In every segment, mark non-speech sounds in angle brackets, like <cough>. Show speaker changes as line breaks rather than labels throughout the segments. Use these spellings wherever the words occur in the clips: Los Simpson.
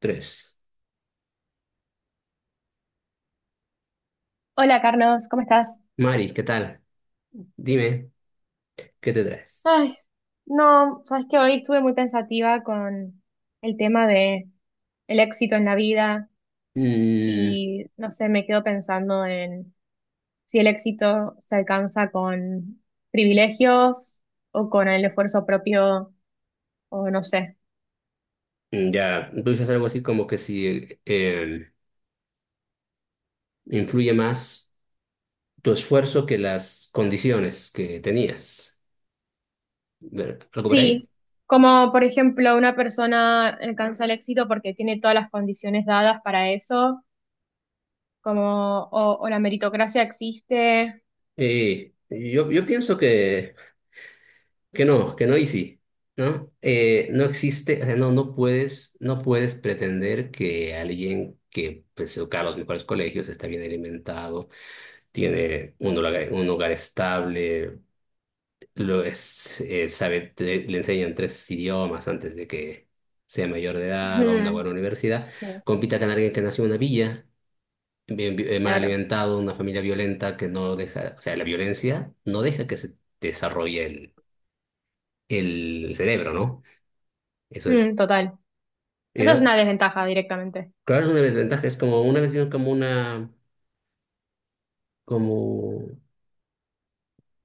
Tres.
Hola Carlos, ¿cómo estás?
Mari, ¿qué tal? Dime, ¿qué te traes?
Ay, no, sabes que hoy estuve muy pensativa con el tema de el éxito en la vida
Mm,
y no sé, me quedo pensando en si el éxito se alcanza con privilegios o con el esfuerzo propio o no sé.
ya, tú dices algo así como que si influye más tu esfuerzo que las condiciones que tenías. ¿Algo por ahí?
Sí, como por ejemplo una persona alcanza el éxito porque tiene todas las condiciones dadas para eso, como o la meritocracia existe.
Yo pienso que no, que no y sí, ¿no? No existe, o sea, no puedes, no puedes pretender que alguien que pues, se educa a los mejores colegios, está bien alimentado, tiene un hogar estable. Lo es, sabe, le enseñan tres idiomas antes de que sea mayor de edad, va a una
Ujú.
buena universidad,
Sí,
compita con alguien que nació en una villa, mal
claro.
alimentado, una familia violenta que no deja, o sea, la violencia no deja que se desarrolle el cerebro, ¿no? Eso
Mm,
es,
total. Eso es
¿ya?
una desventaja directamente.
Claro, es una desventaja, es como una vez vieron como una, como,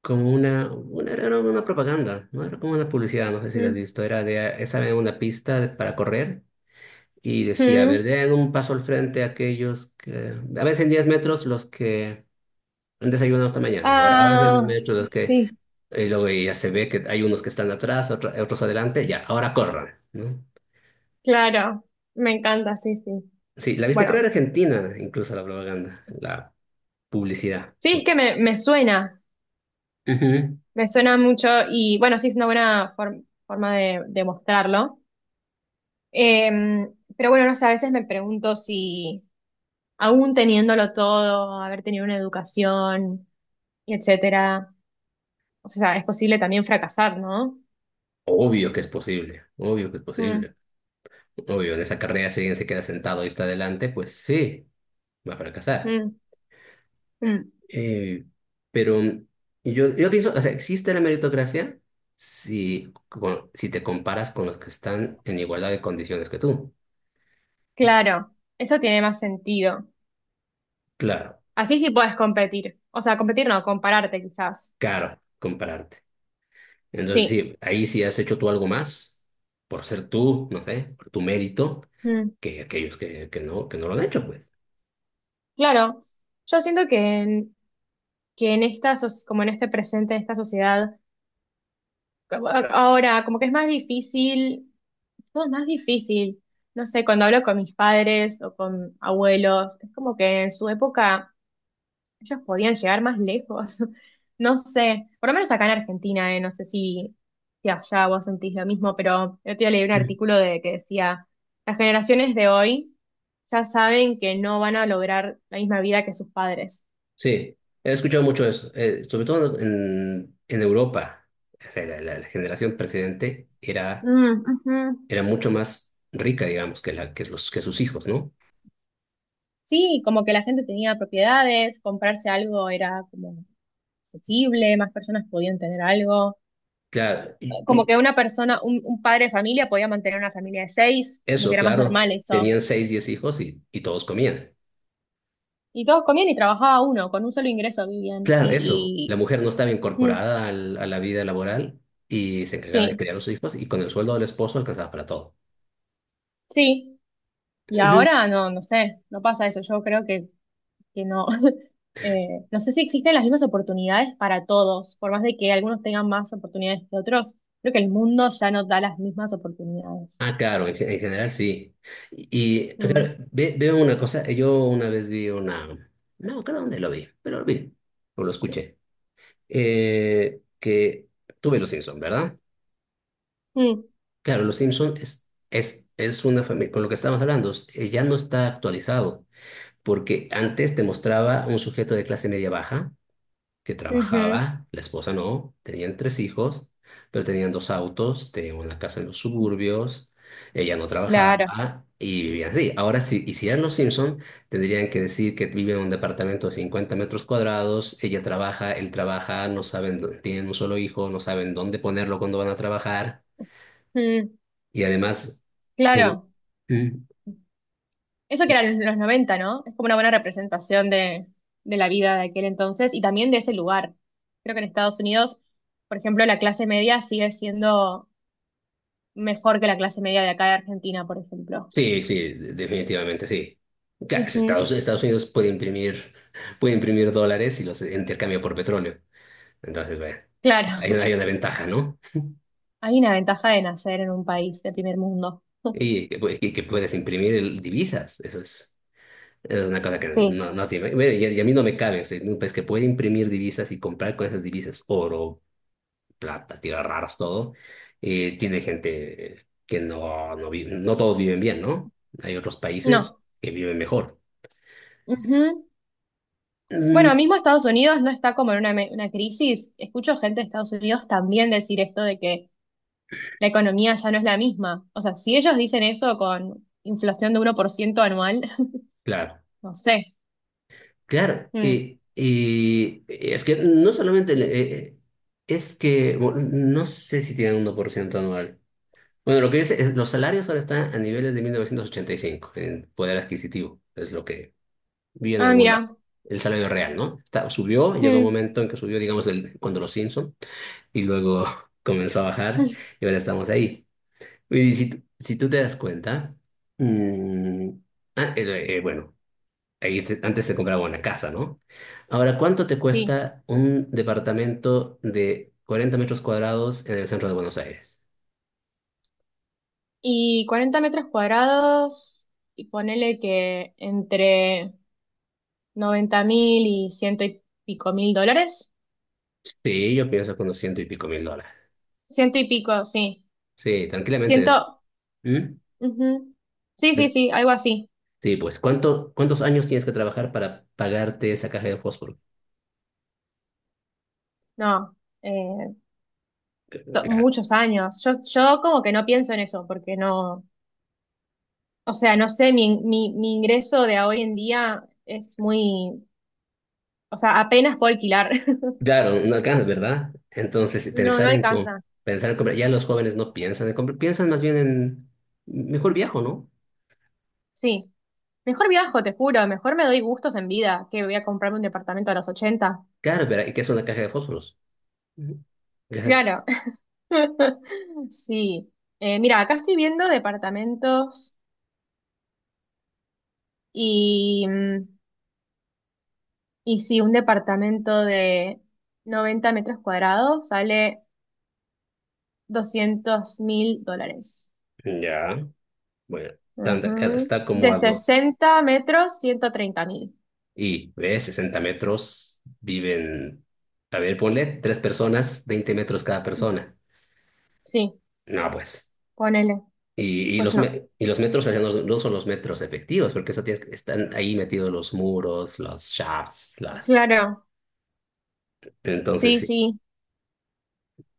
como una, era una propaganda, ¿no? Era como una publicidad, no sé si la has
Mm.
visto, era de, estaba en una pista para correr. Y decía, a ver,
Mm.
den un paso al frente a aquellos que, a veces en 10 metros los que han desayunado esta mañana, ahora a veces en 10
Ah,
metros los que,
sí,
y luego ya se ve que hay unos que están atrás, otros adelante, ya, ahora corran, ¿no?
claro. Me encanta, sí, sí.
Sí, la viste crear
Bueno,
Argentina, incluso la propaganda, la publicidad.
sí,
No
es
sé.
que me suena.
Ujú.
Me suena mucho y bueno, sí, es una buena forma de mostrarlo. Pero bueno, no sé, a veces me pregunto si aún teniéndolo todo, haber tenido una educación, y etcétera, o sea, es posible también fracasar, ¿no?
Obvio que es posible, obvio que es
Mm,
posible. Obvio, en esa carrera si alguien se queda sentado y está adelante, pues sí, va a fracasar.
mm, mm.
Eh, pero yo pienso, o sea, existe la meritocracia si, si te comparas con los que están en igualdad de condiciones que tú.
Claro, eso tiene más sentido.
Claro,
Así sí puedes competir. O sea, competir no, compararte quizás.
caro compararte. Entonces,
Sí.
sí, ahí sí has hecho tú algo más por ser tú, no sé, por tu mérito,
Mm,
que aquellos que, que no lo han hecho, pues.
claro. Yo siento que que en esta, como en este presente, en esta sociedad, como ahora como que es más difícil, todo es más difícil. No sé, cuando hablo con mis padres o con abuelos, es como que en su época ellos podían llegar más lejos. <laughs> No sé, por lo menos acá en Argentina, no sé si, si allá vos sentís lo mismo, pero yo te día leí un
Sí.
artículo de que decía, las generaciones de hoy ya saben que no van a lograr la misma vida que sus padres.
Sí, he escuchado mucho eso, sobre todo en Europa. O sea, la generación precedente
Mm, ujú.
era mucho más rica, digamos, que, la, que, los, que sus hijos, ¿no?
Sí, como que la gente tenía propiedades, comprarse algo era como accesible, más personas podían tener algo.
Claro,
Como
y
que una persona, un padre de familia podía mantener una familia de seis, como que
eso,
era más
claro,
normal eso.
tenían seis, diez hijos y todos comían.
Y todos comían y trabajaba uno, con un solo ingreso vivían.
Claro, eso, la mujer no estaba
Y mm,
incorporada a la vida laboral y se encargaba de
sí,
criar a sus hijos y con el sueldo del esposo alcanzaba para todo.
sí. Y
Ujú.
ahora no, no sé, no pasa eso. Yo creo que no. <laughs> No sé si existen las mismas oportunidades para todos, por más de que algunos tengan más oportunidades que otros. Creo que el mundo ya no da las mismas oportunidades.
Ah, claro, en, en general sí. Y
Mm,
claro, veo una cosa, yo una vez vi una, no, creo dónde lo vi, pero lo vi, o lo escuché, que tuve los Simpson, ¿verdad?
mm,
Claro, Los Simpson es, es una familia, con lo que estábamos hablando, ya no está actualizado, porque antes te mostraba un sujeto de clase media baja que
ujú.
trabajaba, la esposa no, tenían tres hijos, pero tenían dos autos, tenían una casa en los suburbios, ella no
Claro,
trabajaba y vivían así. Ahora, si hicieran Los Simpson, tendrían que decir que vive en un departamento de 50 metros cuadrados, ella trabaja, él trabaja, no saben, tienen un solo hijo, no saben dónde ponerlo cuando van a trabajar.
mm,
Y además, el...
claro.
Mm.
Eso que eran los 90, ¿no? Es como una buena representación de la vida de aquel entonces y también de ese lugar. Creo que en Estados Unidos, por ejemplo, la clase media sigue siendo mejor que la clase media de acá de Argentina, por ejemplo.
Sí, sí, definitivamente sí. Claro, es
Ujú.
Estados Unidos puede imprimir dólares y los intercambia por petróleo. Entonces, bueno,
Claro, <laughs>
hay una ventaja, ¿no?
hay una ventaja de nacer en un país de primer mundo.
Y que, y que puedes imprimir divisas. Eso es una cosa que
Sí,
no, bueno, y a mí no me cabe. O sea, en un país que puede imprimir divisas y comprar con esas divisas oro, plata, tierras raras, todo. Y tiene gente que no, no vive, no todos viven bien, ¿no? Hay otros países
no.
que viven mejor.
Ujú. Bueno,
Mm,
mismo Estados Unidos no está como en una, una crisis. Escucho gente de Estados Unidos también decir esto de que la economía ya no es la misma. O sea, si ellos dicen eso con inflación de uno por ciento anual,
claro,
<laughs> no sé.
claro.
Mm.
Y es que no solamente, es que, bueno, no sé si tienen un 1% anual. Bueno, lo que dice es, los salarios ahora están a niveles de 1985 en poder adquisitivo, es lo que vi en
Ah,
algún lado.
mira.
El salario real, ¿no? Está, subió, llegó un
Mm.
momento en que subió, digamos, el, cuando los Simpson y luego <laughs> comenzó a bajar
<laughs>
y ahora estamos ahí. Y si, si tú te das cuenta, mm, bueno, antes se compraba una casa, ¿no? Ahora, ¿cuánto te
Sí.
cuesta un departamento de 40 metros cuadrados en el centro de Buenos Aires?
Y 40 metros cuadrados, y ponele que entre 90 mil y ciento y pico mil dólares.
Sí, yo pienso con los $100 y pico mil.
Ciento y pico, sí.
Sí, tranquilamente.
Ciento.
¿Mm?
Ujú. Sí, sí, sí, algo así.
Sí, pues, ¿cuántos años tienes que trabajar para pagarte esa caja de fósforo?
No. eh, muchos años. Yo como que no pienso en eso, porque no. O sea, no sé, mi ingreso de hoy en día es muy, o sea, apenas puedo alquilar. <laughs>
Claro, no alcanza, ¿verdad? Entonces,
No, no alcanza.
pensar en comprar, ya los jóvenes no piensan en comprar, piensan más bien en mejor viajo, ¿no?
Sí. Mejor viajo, te juro, mejor me doy gustos en vida que voy a comprarme un departamento a los ochenta.
Claro, ¿verdad? ¿Y qué es una caja de fósforos? Ujú. Ya,
Claro. <laughs> Sí. Mira, acá estoy viendo departamentos y, mm, y si un departamento de 90 metros cuadrados sale 200 mil dólares.
ya, bueno, tanta, claro,
Ujú.
está como
De
a dos,
60 metros, 130 mil.
y ves, 60 metros, viven, a ver, ponle tres personas, 20 metros cada persona.
Sí,
No, pues.
ponele.
Y,
Pues no.
y los metros hacia no son los metros efectivos, porque eso tienes, están ahí metidos los muros, los shafts, las...
Claro,
Entonces,
sí,
sí.
sí.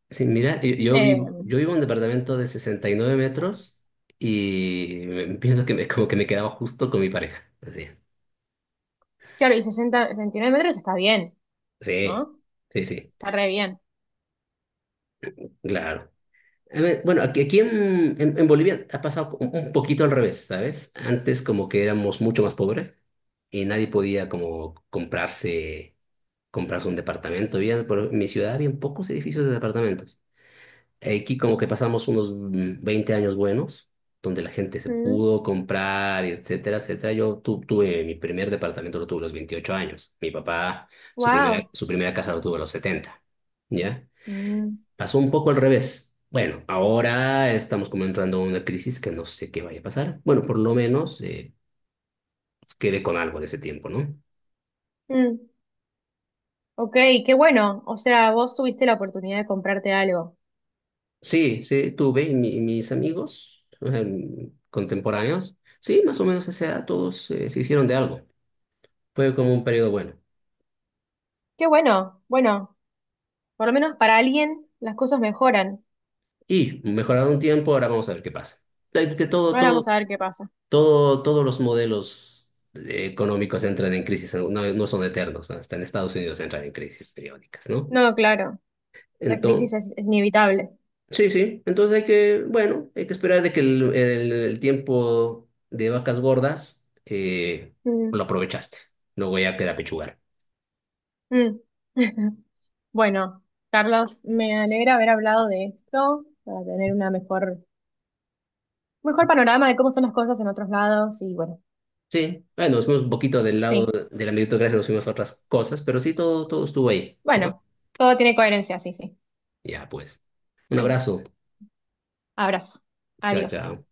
Sí, mira, yo,
Eh,
yo vivo en un departamento de 69 metros y <laughs> pienso que me, como que me quedaba justo con mi pareja. Así.
claro, y 60, 69 metros está bien,
Sí,
¿no?
sí, sí,
Está re bien.
claro. A ver, bueno, aquí, en Bolivia ha pasado un poquito al revés, ¿sabes? Antes como que éramos mucho más pobres y nadie podía como comprarse, comprarse un departamento. Había, por mi ciudad, había pocos edificios de departamentos. Aquí como que pasamos unos 20 años buenos, donde la gente se pudo comprar, etcétera, etcétera. Yo tuve mi primer departamento, lo tuve a los 28 años. Mi papá,
Wow.
su primera casa lo tuvo a los 70. ¿Ya? Pasó un poco al revés. Bueno, ahora estamos como entrando en una crisis que no sé qué vaya a pasar. Bueno, por lo menos quedé con algo de ese tiempo, ¿no?
Ok, qué bueno. O sea, vos tuviste la oportunidad de comprarte algo.
Sí, sí, tuve y mis amigos contemporáneos. Sí, más o menos a esa edad todos se hicieron de algo. Fue como un periodo bueno.
Qué bueno. Bueno, por lo menos para alguien las cosas mejoran.
Y mejoraron un tiempo, ahora vamos a ver qué pasa. Es que
Ahora vamos a ver qué pasa.
todo, todos los modelos económicos entran en crisis, no, no son eternos, ¿no? Hasta en Estados Unidos entran en crisis periódicas, ¿no?
No, claro, la crisis
Entonces,
es inevitable.
sí, sí, entonces hay que, bueno, hay que esperar de que el, el tiempo de vacas gordas
Mm,
lo aprovechaste, luego ya queda pechugar.
mm. <laughs> Bueno, Carlos, me alegra haber hablado de esto para tener una mejor, mejor panorama de cómo son las cosas en otros lados y bueno,
Sí, bueno, nos fuimos un poquito del lado
sí,
de la meritocracia, nos fuimos a otras cosas, pero sí, todo, todo estuvo ahí. ¿No?
bueno, todo tiene coherencia, sí, sí.
Ya, pues. Un abrazo.
Abrazo.
Chao,
Adiós.
chao.